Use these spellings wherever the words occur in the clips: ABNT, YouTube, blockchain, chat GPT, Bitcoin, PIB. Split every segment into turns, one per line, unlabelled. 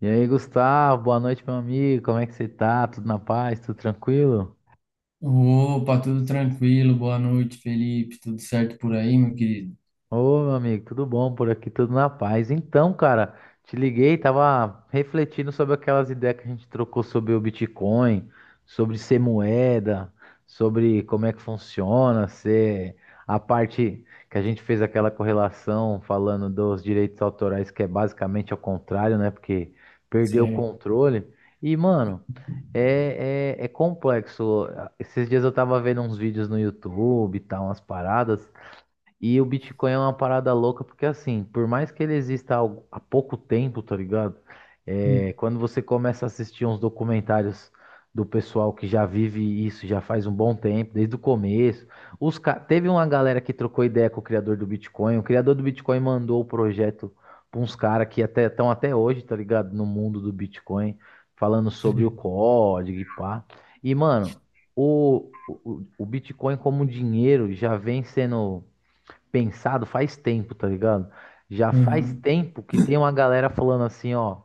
E aí, Gustavo, boa noite, meu amigo. Como é que você tá? Tudo na paz? Tudo tranquilo?
Opa, tudo tranquilo, boa noite, Felipe. Tudo certo por aí, meu querido?
Ô, meu amigo, tudo bom por aqui? Tudo na paz. Então, cara, te liguei, tava refletindo sobre aquelas ideias que a gente trocou sobre o Bitcoin, sobre ser moeda, sobre como é que funciona, ser a parte que a gente fez aquela correlação falando dos direitos autorais, que é basicamente ao contrário, né? Porque perdeu o
Certo.
controle. E, mano, é complexo. Esses dias eu tava vendo uns vídeos no YouTube e tal, umas paradas. E o Bitcoin é uma parada louca, porque assim, por mais que ele exista há pouco tempo, tá ligado?
Hum.
É, quando você começa a assistir uns documentários do pessoal que já vive isso já faz um bom tempo, desde o começo. Teve uma galera que trocou ideia com o criador do Bitcoin. O criador do Bitcoin mandou o projeto para uns caras que até estão até hoje, tá ligado? No mundo do Bitcoin, falando
Certo.
sobre o código e pá. E, mano, o, o, o Bitcoin como dinheiro já vem sendo pensado faz tempo, tá ligado? Já faz
Uhum.
tempo que tem uma galera falando assim, ó,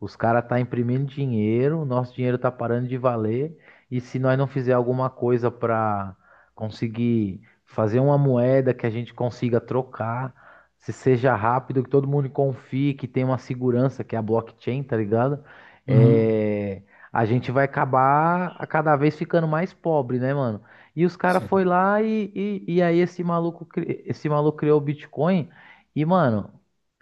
os caras tá imprimindo dinheiro, nosso dinheiro tá parando de valer, e se nós não fizer alguma coisa pra conseguir fazer uma moeda que a gente consiga trocar, se seja rápido, que todo mundo confie, que tenha uma segurança, que é a blockchain, tá ligado?
Uhum.
É, a gente vai acabar a cada vez ficando mais pobre, né, mano? E os caras foi
Certo.
lá e aí esse maluco criou o Bitcoin. E, mano,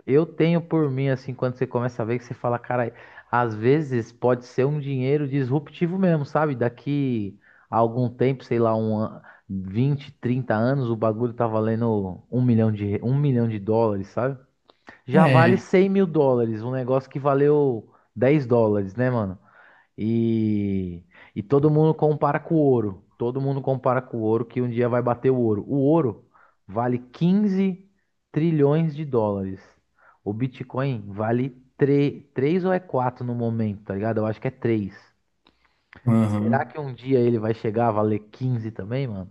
eu tenho por mim, assim, quando você começa a ver, que você fala, cara, às vezes pode ser um dinheiro disruptivo mesmo, sabe? Daqui a algum tempo, sei lá, 20, 30 anos, o bagulho tá valendo um milhão de dólares, sabe? Já vale
É,
US$ 100 mil, um negócio que valeu US$ 10, né, mano? E, e todo mundo compara com o ouro. Todo mundo compara com o ouro que um dia vai bater o ouro. O ouro vale US$ 15 trilhões. O Bitcoin vale 3 ou é 4 no momento, tá ligado? Eu acho que é 3. Será
uhum.
que um dia ele vai chegar a valer 15 também, mano?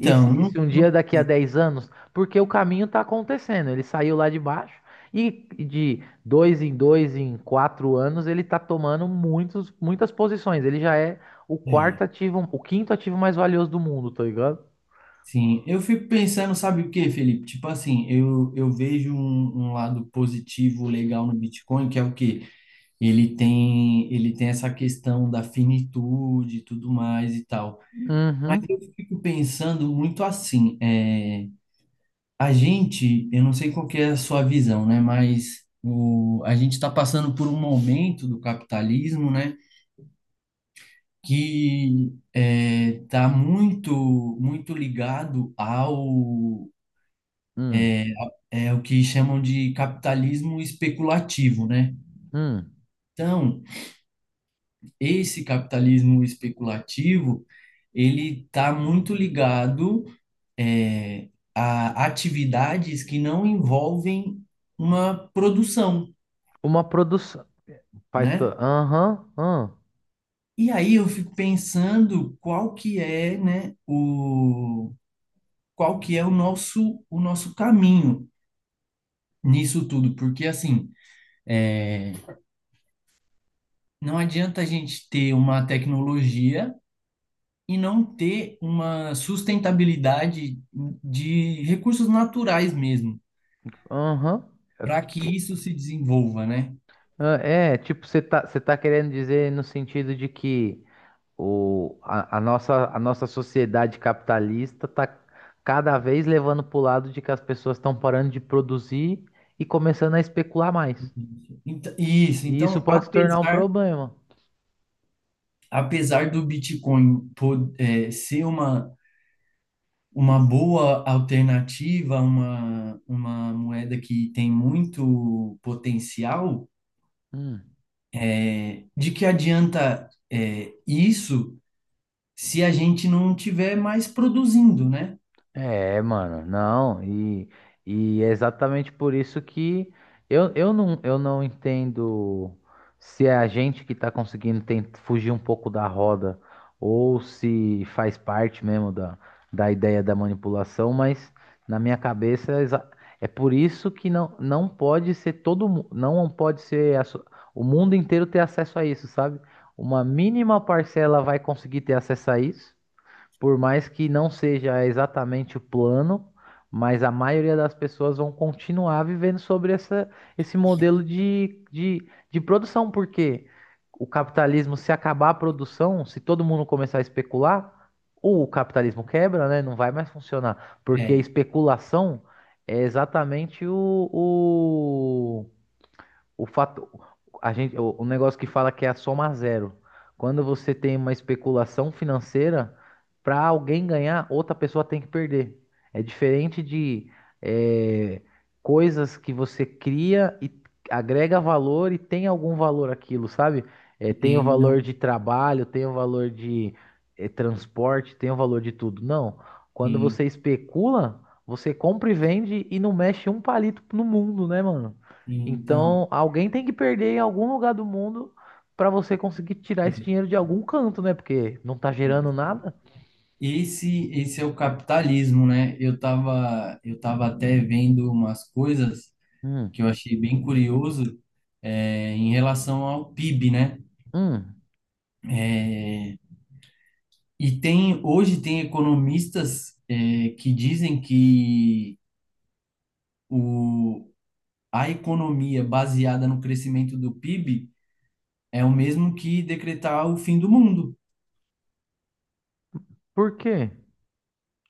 E se, e se um dia daqui a 10 anos, porque o caminho está acontecendo, ele saiu lá de baixo e de dois, em 4 anos, ele está tomando muitas posições. Ele já é o
é,
quarto ativo, o quinto ativo mais valioso do mundo, tá ligado?
sim, eu fico pensando, sabe o que, Felipe? Tipo assim, eu vejo um lado positivo legal no Bitcoin, que é o quê? Ele tem essa questão da finitude e tudo mais e tal. Mas
Uhum.
eu fico pensando muito assim. A gente, eu não sei qual que é a sua visão, né? Mas a gente está passando por um momento do capitalismo, né? Que está muito, muito ligado ao.
Hum.
O que chamam de capitalismo especulativo, né?
Hum.
Então, esse capitalismo especulativo, ele está muito ligado é, a atividades que não envolvem uma produção,
Uma produção. Faz.
né?
Aham. Aham.
E aí eu fico pensando qual que é o nosso caminho nisso tudo, porque assim, não adianta a gente ter uma tecnologia e não ter uma sustentabilidade de recursos naturais mesmo,
Aham. É,
para que
que-
isso se desenvolva, né?
ah, é, tipo, você tá querendo dizer no sentido de que. O, a nossa sociedade capitalista está cada vez levando para o lado de que as pessoas estão parando de produzir e começando a especular mais.
Isso,
E isso
então,
pode se tornar um
apesar,
problema.
apesar do Bitcoin ser uma boa alternativa, uma moeda que tem muito potencial,
Hum.
de que adianta isso se a gente não tiver mais produzindo, né?
É, mano, não, e é exatamente por isso que eu não entendo se é a gente que tá conseguindo fugir um pouco da roda ou se faz parte mesmo da ideia da manipulação, mas na minha cabeça é por isso que não, não pode ser todo, não pode ser o mundo inteiro ter acesso a isso, sabe? Uma mínima parcela vai conseguir ter acesso a isso. Por mais que não seja exatamente o plano, mas a maioria das pessoas vão continuar vivendo sobre esse modelo de produção, porque o capitalismo, se acabar a produção, se todo mundo começar a especular, ou o capitalismo quebra, né? Não vai mais funcionar, porque a
É,
especulação é exatamente o fato, a gente, o negócio que fala que é a soma zero. Quando você tem uma especulação financeira, para alguém ganhar, outra pessoa tem que perder. É diferente de eh, coisas que você cria e agrega valor e tem algum valor aquilo, sabe? Eh,
e
tem o
tem, não,
valor de trabalho, tem o valor de transporte, tem o valor de tudo. Não. Quando você
tem,
especula, você compra e vende e não mexe um palito no mundo, né, mano?
então,
Então, alguém tem que perder em algum lugar do mundo para você conseguir tirar esse
é,
dinheiro de algum canto, né? Porque não tá gerando
é.
nada.
Esse é o capitalismo, né? Eu tava até vendo umas coisas
Hum,
que eu achei bem curioso, em relação ao PIB, né?
hum.
É, e tem hoje tem economistas que dizem que o, a economia baseada no crescimento do PIB é o mesmo que decretar o fim do mundo.
Por quê?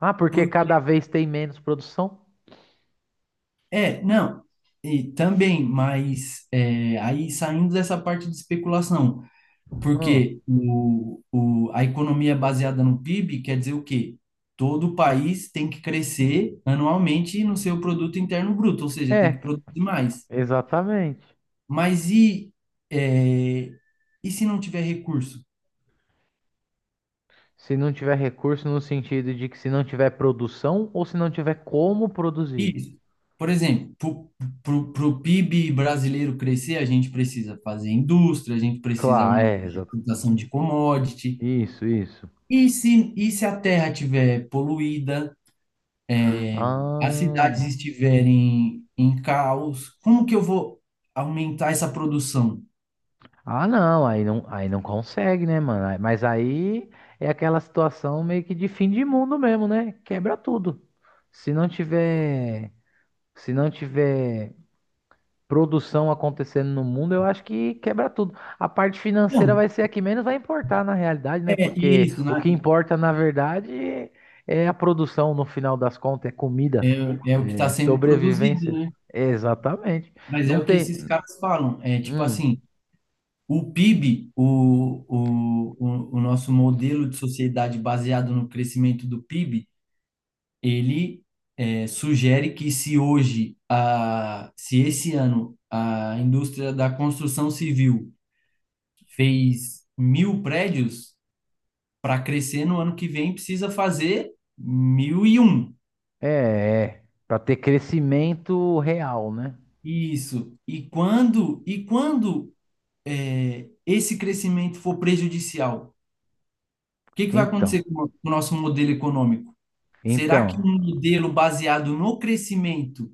Ah, porque
Porque
cada vez tem menos produção?
não, e também, mas aí saindo dessa parte de especulação,
Hum.
porque a economia baseada no PIB quer dizer o quê? Todo país tem que crescer anualmente no seu produto interno bruto, ou seja, tem
É,
que produzir mais.
exatamente.
Mas é, e se não tiver recurso?
Se não tiver recurso no sentido de que se não tiver produção ou se não tiver como produzir.
Isso. Por exemplo, para o PIB brasileiro crescer, a gente precisa fazer indústria, a gente precisa
Claro,
aumentar
é,
a exportação de commodity.
isso, isso.
E se a terra estiver poluída, as cidades
Ah.
estiverem em caos, como que eu vou aumentar essa produção?
Ah, não, aí não, aí não consegue, né, mano? Mas aí é aquela situação meio que de fim de mundo mesmo, né? Quebra tudo. Se não tiver, se não tiver produção acontecendo no mundo, eu acho que quebra tudo. A parte financeira
Não,
vai ser a que menos vai importar na realidade, né?
é
Porque
isso,
o
né?
que importa, na verdade, é a produção no final das contas, é
É,
comida,
é o que está
é
sendo produzido,
sobrevivência.
né?
Exatamente.
Mas é
Não
o que
tem.
esses caras falam. É tipo
Hum.
assim, o PIB, o, o nosso modelo de sociedade baseado no crescimento do PIB, ele sugere que se hoje, se esse ano a indústria da construção civil fez mil prédios, para crescer no ano que vem precisa fazer mil e um.
É, para ter crescimento real, né?
Isso. E quando esse crescimento for prejudicial, o que que vai
Então,
acontecer com o nosso modelo econômico? Será que
então,
um modelo baseado no crescimento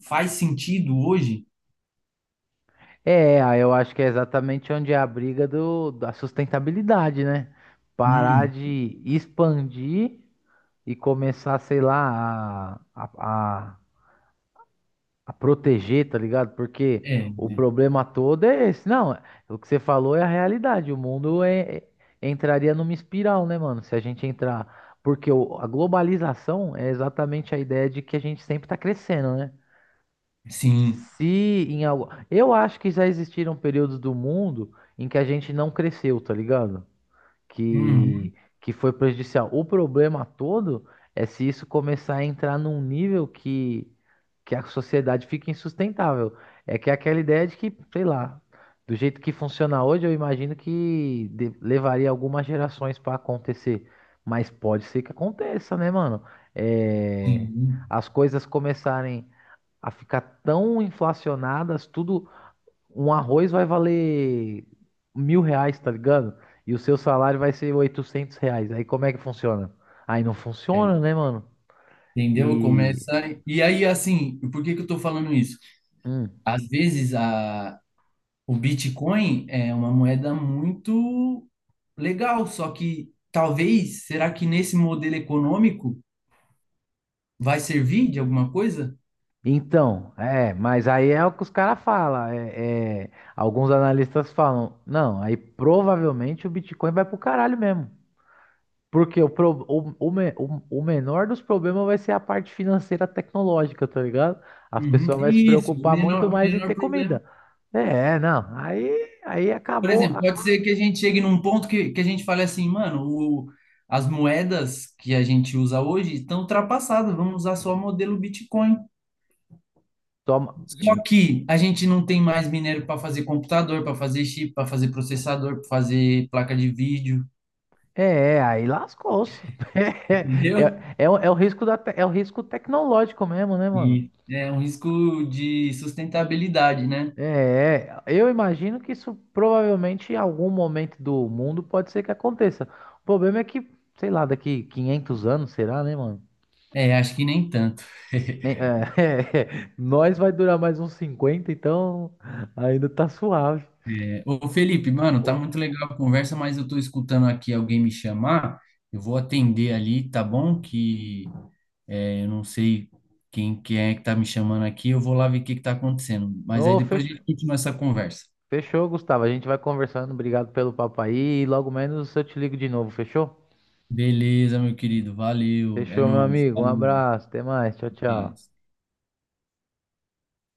faz sentido hoje?
é, aí eu acho que é exatamente onde é a briga da sustentabilidade, né? Parar
Hum,
de expandir e começar, sei lá, a proteger, tá ligado? Porque
é,
o problema todo é esse. Não, o que você falou é a realidade. O mundo entraria numa espiral, né, mano? Se a gente entrar. Porque a globalização é exatamente a ideia de que a gente sempre tá crescendo, né?
sim.
Se em algo. Eu acho que já existiram períodos do mundo em que a gente não cresceu, tá ligado?
Uhum,
que, que foi prejudicial. O problema todo é se isso começar a entrar num nível que a sociedade fica insustentável. É que é aquela ideia de que, sei lá, do jeito que funciona hoje, eu imagino que levaria algumas gerações para acontecer. Mas pode ser que aconteça, né, mano? É,
sim,
as coisas começarem a ficar tão inflacionadas, tudo um arroz vai valer R$ 1.000, tá ligado? E o seu salário vai ser R$ 800. Aí como é que funciona? Aí não
é.
funciona, né, mano?
Entendeu?
E.
Começa. E aí, assim, por que que eu estou falando isso?
Hum.
Às vezes, o Bitcoin é uma moeda muito legal, só que talvez, será que nesse modelo econômico vai servir de alguma coisa?
Então, é, mas aí é o que os caras falam. É, alguns analistas falam, não, aí provavelmente o Bitcoin vai pro caralho mesmo. Porque o, pro- o, me- o menor dos problemas vai ser a parte financeira tecnológica, tá ligado? As
Uhum,
pessoas vão se
isso, o
preocupar
menor,
muito
o
mais em
menor
ter
problema.
comida. É, não. Aí
Por
acabou.
exemplo, pode ser que a gente chegue num ponto que a gente fale assim, mano, as moedas que a gente usa hoje estão ultrapassadas, vamos usar só o modelo Bitcoin.
Toma.
Só que a gente não tem mais minério para fazer computador, para fazer chip, para fazer processador, para fazer placa de vídeo,
É, aí lascou-se. É,
entendeu?
é, é, o é o risco é o risco tecnológico mesmo, né, mano?
E é um risco de sustentabilidade, né?
É, eu imagino que isso provavelmente em algum momento do mundo pode ser que aconteça. O problema é que, sei lá, daqui 500 anos, será, né, mano?
É, acho que nem tanto.
É, nós vai durar mais uns 50, então ainda tá suave.
Ô Felipe, mano,
Ô,
tá muito legal a conversa, mas eu tô escutando aqui alguém me chamar. Eu vou atender ali, tá bom? Que eu não sei quem é que tá me chamando aqui. Eu vou lá ver o que que tá acontecendo. Mas aí
ô,
depois a
fech-
gente continua essa conversa.
fechou, Gustavo. A gente vai conversando. Obrigado pelo papo aí. E logo menos eu te ligo de novo, fechou?
Beleza, meu querido. Valeu. É
Fechou, meu
nóis.
amigo. Um
Falou.
abraço. Até mais. Tchau,
Tá.
tchau.